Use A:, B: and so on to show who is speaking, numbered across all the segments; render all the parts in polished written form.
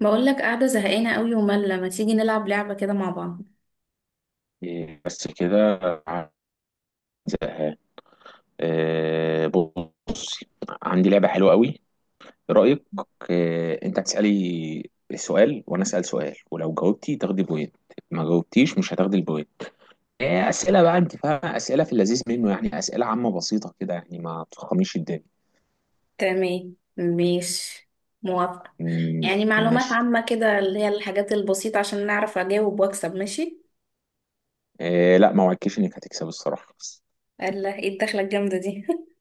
A: بقول لك قاعدة زهقانة قوي وملة، ما تيجي نلعب لعبة كده مع بعض؟
B: إيه، بس كده زهقان. إيه، بص، عندي لعبة حلوة قوي. إيه رأيك؟ إيه، انت هتسألي سؤال وانا أسأل سؤال، ولو جاوبتي تاخدي بوينت. ما جاوبتيش، مش هتاخدي البوينت. إيه، أسئلة بقى انت فاهمة، أسئلة في اللذيذ منه، يعني أسئلة عامة بسيطة كده، يعني ما تفخميش الدنيا.
A: تمام، ماشي. موافقة.
B: مم،
A: يعني معلومات
B: ماشي.
A: عامة كده اللي هي الحاجات البسيطة عشان نعرف أجاوب وأكسب. ماشي.
B: إيه، لا، ما وعدتكيش انك هتكسب الصراحة بس.
A: الله، ايه الدخلة الجامدة دي؟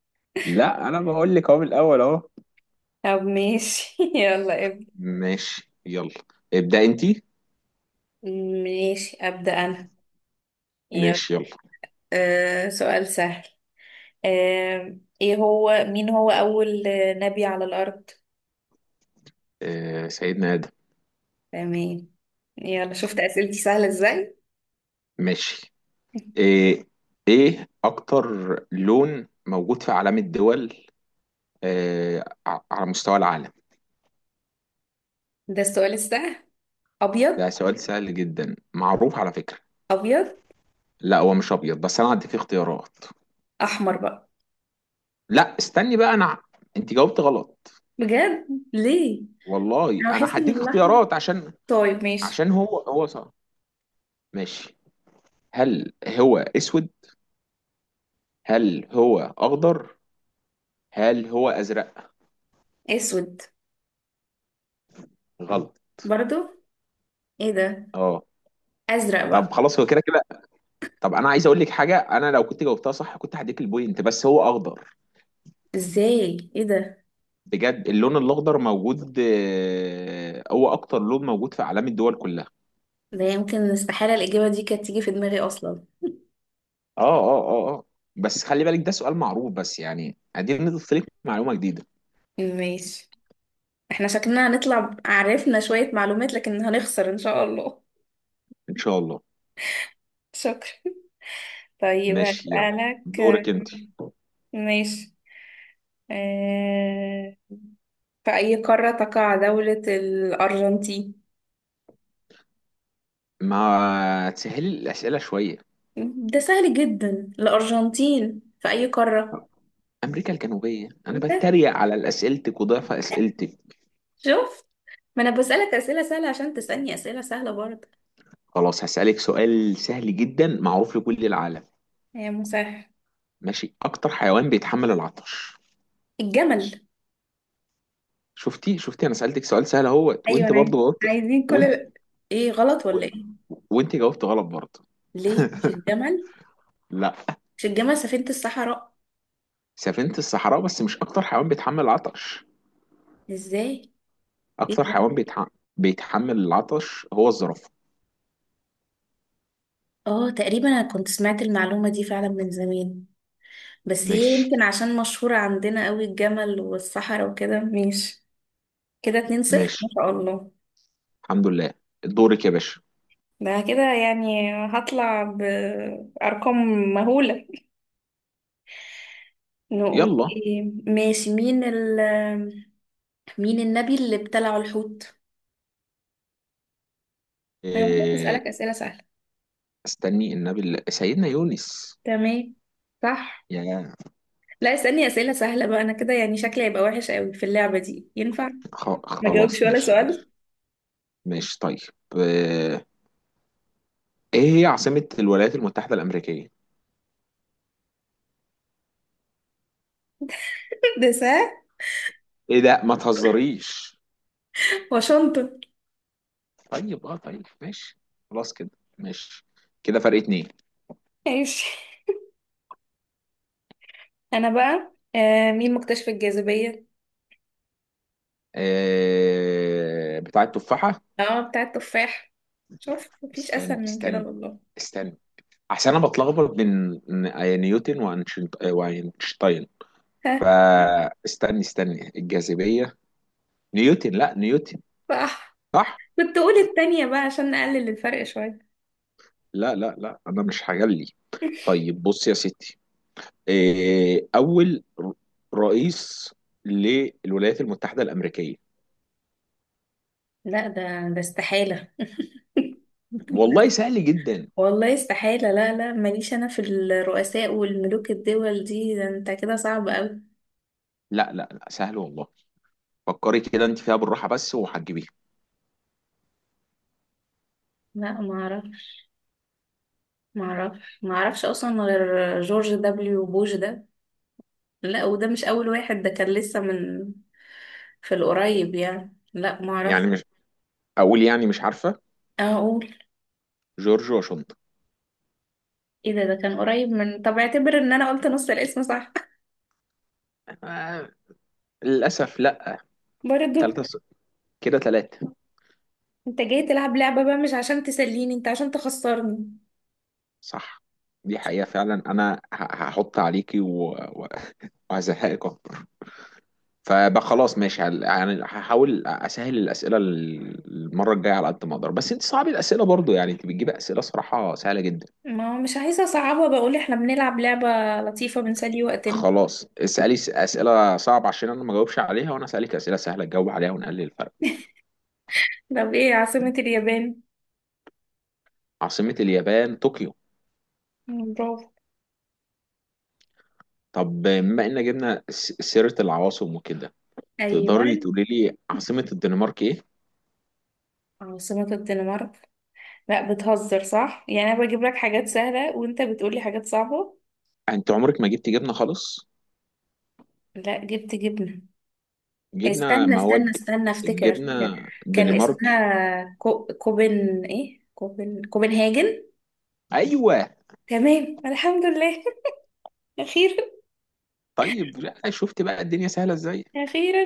B: لا، انا بقول لك اهو من الاول اهو.
A: طب ماشي. يلا ابدأ.
B: ماشي يلا، ابدأ انت.
A: ماشي، أبدأ أنا. يلا.
B: ماشي يلا.
A: سؤال سهل. آه ايه هو مين هو أول نبي على الأرض؟
B: إيه، سيدنا آدم.
A: تمام. يلا شفت أسئلتي سهلة ازاي.
B: ماشي. إيه، إيه أكتر لون موجود في علام الدول، إيه على مستوى العالم؟
A: ده السؤال السهل؟ أبيض.
B: ده سؤال سهل جدا، معروف على فكرة.
A: أبيض.
B: لا، هو مش أبيض، بس أنا هديك اختيارات.
A: احمر بقى.
B: لا استني بقى أنا، أنت جاوبت غلط.
A: بجد؟ ليه؟
B: والله
A: انا
B: أنا
A: بحس ان
B: هديك
A: الاحمر.
B: اختيارات، عشان
A: طيب ماشي.
B: عشان هو هو صح. ماشي. هل هو أسود؟ هل هو أخضر؟ هل هو أزرق؟
A: اسود.
B: غلط.
A: برضو؟ ايه ده؟
B: أه.
A: ازرق
B: طب
A: بقى.
B: خلاص، هو كده كده. طب أنا عايز أقول لك حاجة، أنا لو كنت جاوبتها صح كنت هديك البوينت، بس هو أخضر.
A: ازاي؟ ايه ده؟
B: بجد، اللون الاخضر موجود، هو اكتر لون موجود في اعلام الدول كلها.
A: ده يمكن استحالة الاجابة دي كانت تيجي في دماغي اصلا.
B: اه اه اه اه. بس خلي بالك، ده سؤال معروف، بس يعني ادينا نضيف لك معلومه جديده.
A: ماشي. احنا شكلنا هنطلع عرفنا شوية معلومات لكن هنخسر ان شاء الله.
B: ان شاء الله.
A: شكرا. طيب
B: ماشي يلا،
A: هسألك.
B: دورك انت.
A: ماشي. أه... في أي قارة تقع دولة الأرجنتين؟
B: ما تسهلي الاسئله شويه.
A: ده سهل جدا. الأرجنتين في أي قارة؟
B: امريكا الجنوبيه، انا
A: بس
B: بتريق على اسئلتك وضعف اسئلتك.
A: شوف، ما انا بسألك اسئلة سهلة عشان تسألني اسئلة سهلة برضه.
B: خلاص هسالك سؤال سهل جدا معروف لكل العالم.
A: يا مسهل.
B: ماشي، اكتر حيوان بيتحمل العطش.
A: الجمل.
B: شفتي شفتي، انا سالتك سؤال سهل اهوت،
A: ايوه
B: وانت
A: انا عايز.
B: برضو قلت.
A: عايزين كل
B: وانت
A: ايه، غلط
B: و...
A: ولا ايه؟
B: وانت جاوبت غلط برضه.
A: ليه مش الجمل؟
B: لا.
A: مش الجمل سفينة الصحراء؟
B: سفينة الصحراء، بس مش أكتر حيوان بيتحمل العطش.
A: ازاي؟ ايه
B: أكتر
A: ده؟
B: حيوان بيتحمل العطش هو الزرافة.
A: اه، تقريبا انا كنت سمعت المعلومة دي فعلا من زمان. بس هي يمكن
B: ماشي
A: عشان مشهورة عندنا قوي الجمل والصحراء وكده. ماشي. كده 2-0 ما
B: ماشي،
A: شاء الله.
B: الحمد لله. دورك يا باشا.
A: ده كده يعني هطلع بأرقام مهولة. نقول
B: يلا.
A: ايه؟ ماشي. مين النبي اللي ابتلعه الحوت؟ انا والله
B: إيه...
A: بسألك أسئلة سهلة.
B: استني، النبي سيدنا يونس.
A: تمام، صح.
B: يا
A: لا اسألني أسئلة سهلة بقى، انا كده يعني شكلي هيبقى وحش قوي في اللعبة دي. ينفع؟ ما جاوبش
B: خلاص
A: ولا
B: ماشي ماشي.
A: سؤال.
B: ماشي طيب. آه، ايه هي عاصمة الولايات المتحدة الأمريكية؟
A: ده سهل.
B: ايه ده، ما تهزريش.
A: واشنطن.
B: طيب اه، طيب ماشي، خلاص كده، ماشي. كده فرق اتنين.
A: ماشي. انا بقى، مين مكتشف الجاذبية؟
B: بتاع التفاحة.
A: اه، بتاع التفاح. شوف مفيش اسهل
B: استنى
A: من كده
B: استنى
A: والله.
B: استنى، عشان انا بتلخبط بين نيوتن واينشتاين.
A: ها.
B: فاستني استني الجاذبية، نيوتن، لا نيوتن.
A: صح.
B: صح.
A: كنت اقول التانية بقى عشان نقلل الفرق شوية.
B: لا لا لا، انا مش هجلي. طيب بص يا ستي، اول رئيس للولايات المتحدة الأمريكية.
A: لا ده استحالة.
B: والله سهل جدا.
A: والله استحالة. لا لا، ماليش أنا في الرؤساء والملوك الدول دي، ده أنت كده صعب أوي.
B: لا لا لا، سهل والله. فكري كده انت فيها بالراحة بس، وهتجيبيها.
A: لا معرف معرفش أصلا غير جورج دبليو بوش ده. لا وده مش أول واحد، ده كان لسه من، في القريب يعني. لا
B: يعني
A: معرف.
B: مش، اقول يعني مش عارفة.
A: أقول؟
B: جورج واشنطن.
A: إيه ده؟ ده كان قريب من. طب اعتبر إن أنا قلت نص الاسم صح.
B: آه، للأسف لا. تلاتة
A: برضو.
B: ص- كده تلاتة.
A: أنت جاي تلعب لعبة بقى مش عشان تسليني، أنت عشان تخسرني.
B: صح. دي حقيقة فعلا، أنا هحط عليكي وهزهقك أكتر. فبقى خلاص ماشي، يعني هحاول أسهل الأسئلة المرة الجاية على قد ما أقدر، بس أنت صعب الأسئلة برضو، يعني أنت بتجيبي أسئلة صراحة سهلة جدا.
A: ما هو مش عايزة أصعبها، بقول إحنا بنلعب لعبة لطيفة بنسلي وقتنا.
B: خلاص اسألي أسئلة صعبة عشان أنا ما جاوبش عليها، وأنا أسألك أسئلة سهلة تجاوب عليها ونقلل الفرق.
A: طب إيه عاصمة اليابان؟
B: عاصمة اليابان طوكيو.
A: مم، برافو.
B: طب بما إن جبنا سيرة العواصم وكده،
A: ايوه.
B: تقدري تقولي لي عاصمة الدنمارك إيه؟
A: عاصمة الدنمارك؟ لا بتهزر صح، يعني انا بجيب لك حاجات سهلة وانت بتقولي حاجات صعبة.
B: انت عمرك ما جبت جبنه خالص.
A: لا جبت جبنة.
B: جبنه
A: استنى استنى
B: مواد.
A: استنى، افتكر افتكر.
B: الجبنه
A: كان
B: دنمارك.
A: اسمها كو... كوبن ايه كوبن كوبنهاجن.
B: ايوه.
A: تمام الحمد لله. اخيرا.
B: طيب، لا شفت بقى الدنيا سهله ازاي.
A: اخيرا.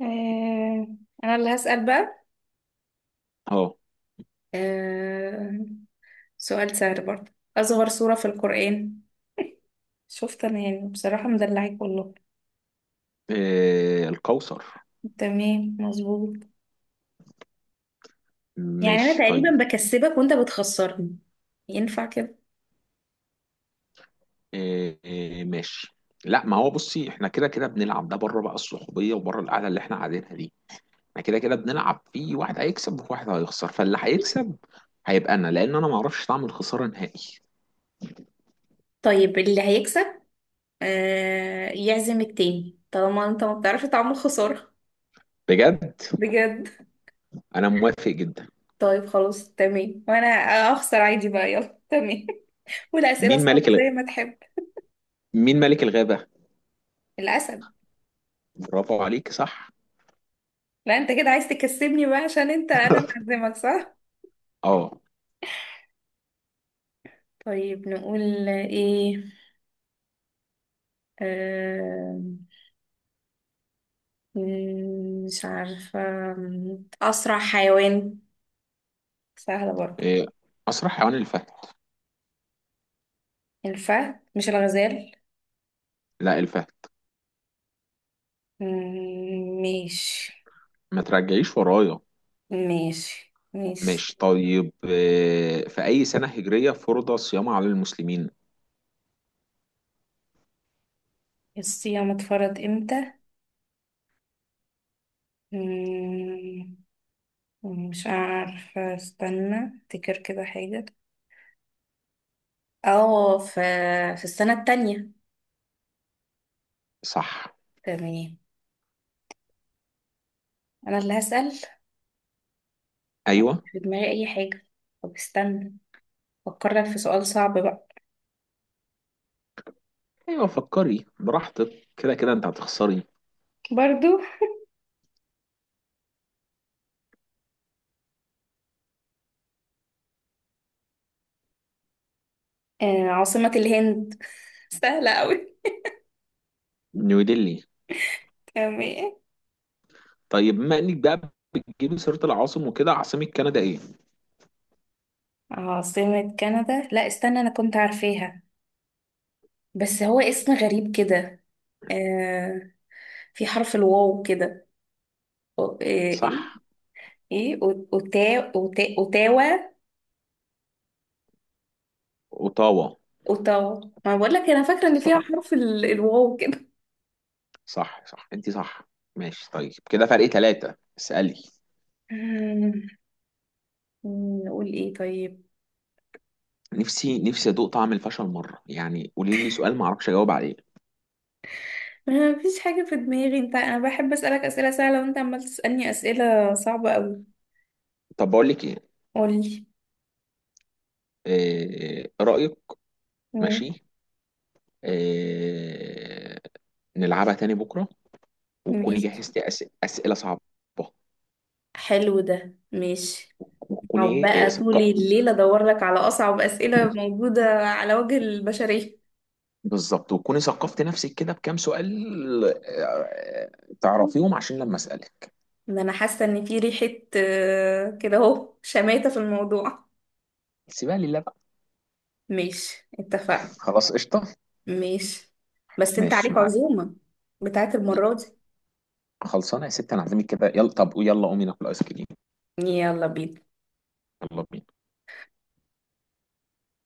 A: آه... انا اللي هسأل بقى.
B: اهو.
A: آه... سؤال سهل برضه. اصغر سورة في القرآن؟ شفت انا يعني بصراحة مدلعك والله.
B: آه، القوصر.
A: تمام مظبوط. يعني انا
B: ماشي
A: تقريبا
B: طيب.
A: بكسبك وانت بتخسرني. ينفع كده؟
B: آه، آه، ماشي. لا، ما هو بصي، احنا كده كده بنلعب، ده بره بقى الصحوبيه وبره القعده اللي احنا قاعدينها دي. احنا كده كده بنلعب، في واحد هيكسب وواحد هيخسر، فاللي هيكسب هيبقى انا، لان انا ما اعرفش طعم الخساره نهائي.
A: طيب اللي هيكسب يعزم التاني طالما انت ما بتعرفش تعمل خسارة.
B: بجد.
A: بجد.
B: انا موافق جدا.
A: طيب خلاص تمام. وانا اخسر عادي بقى. يلا تمام. والاسئلة
B: مين
A: صعبة
B: ملك الغ...
A: زي ما تحب.
B: مين ملك الغابه؟
A: الاسد.
B: برافو عليك، صح.
A: لا انت كده عايز تكسبني بقى عشان انت انا اللي هعزمك صح.
B: اه.
A: طيب نقول ايه؟ آه مش عارفة. اسرع حيوان. سهلة برضه.
B: إيه، اسرع حيوان الفهد.
A: الفهد مش الغزال؟
B: لا الفهد.
A: مم، ماشي.
B: ما ترجعيش ورايا.
A: ماشي ماشي.
B: ماشي طيب، إيه، في اي سنة هجرية فرض الصيام على المسلمين؟
A: الصيام اتفرض امتى؟ مم، مش عارفة. استنى افتكر كده حاجة. اه، في، في السنة التانية.
B: صح.
A: تمام. انا اللي هسأل. يعني
B: ايوه.
A: مش في دماغي اي حاجة. طب استنى. فكرك في سؤال صعب بقى.
B: ايوه فكري براحتك، كده كده انت هتخسري.
A: برضو. آه، عاصمة الهند. سهلة اوي.
B: نيو ديلي.
A: تمام.
B: طيب بما انك بقى بتجيبي سيرة العاصم وكده، عاصمة كندا ايه؟
A: عاصمة كندا؟ لا استنى، انا كنت عارفاها. بس هو اسم غريب كده. آه، في حرف الواو كده. ايه.
B: صح
A: ايه اوتاوا.
B: اوتاوا.
A: اوتاوا. ما بقول لك انا فاكره ان فيها
B: صح
A: حرف الواو كده.
B: صح، صح انت صح. ماشي طيب، كده فرق ثلاثة، اسألي.
A: مم، نقول ايه طيب؟
B: نفسي نفسي ادوق طعم الفشل مرة، يعني قولي لي سؤال ما اعرفش اجاوب عليه.
A: ما فيش حاجه في دماغي، انت انا بحب اسالك اسئله سهله وانت عمال تسالني اسئله صعبه قوي.
B: طب بقول لك ايه،
A: قولي.
B: رأيك.
A: مم،
B: ماشي. آه، نلعبها تاني بكرة، وتكوني
A: ماشي.
B: جهزتي أسئلة صعبة.
A: حلو ده. ماشي. أقعد
B: وتكوني إيه
A: بقى طول الليل ادور لك على اصعب اسئله موجوده على وجه البشريه.
B: بالظبط، وتكوني ثقفتي نفسك كده بكام سؤال، تعرفيهم عشان لما أسألك.
A: ان انا حاسه ان في ريحه، كده اهو، شماته في الموضوع.
B: سيبها لله بقى.
A: ماشي اتفقنا.
B: خلاص قشطة.
A: ماشي، بس انت
B: ماشي
A: عليك
B: معاك.
A: عزومه بتاعت المره دي.
B: خلصانة يا ست، أنا هعزمك كده يلا، طب يلا قومي ناكل آيس كريم.
A: يلا بينا.
B: يلا بينا.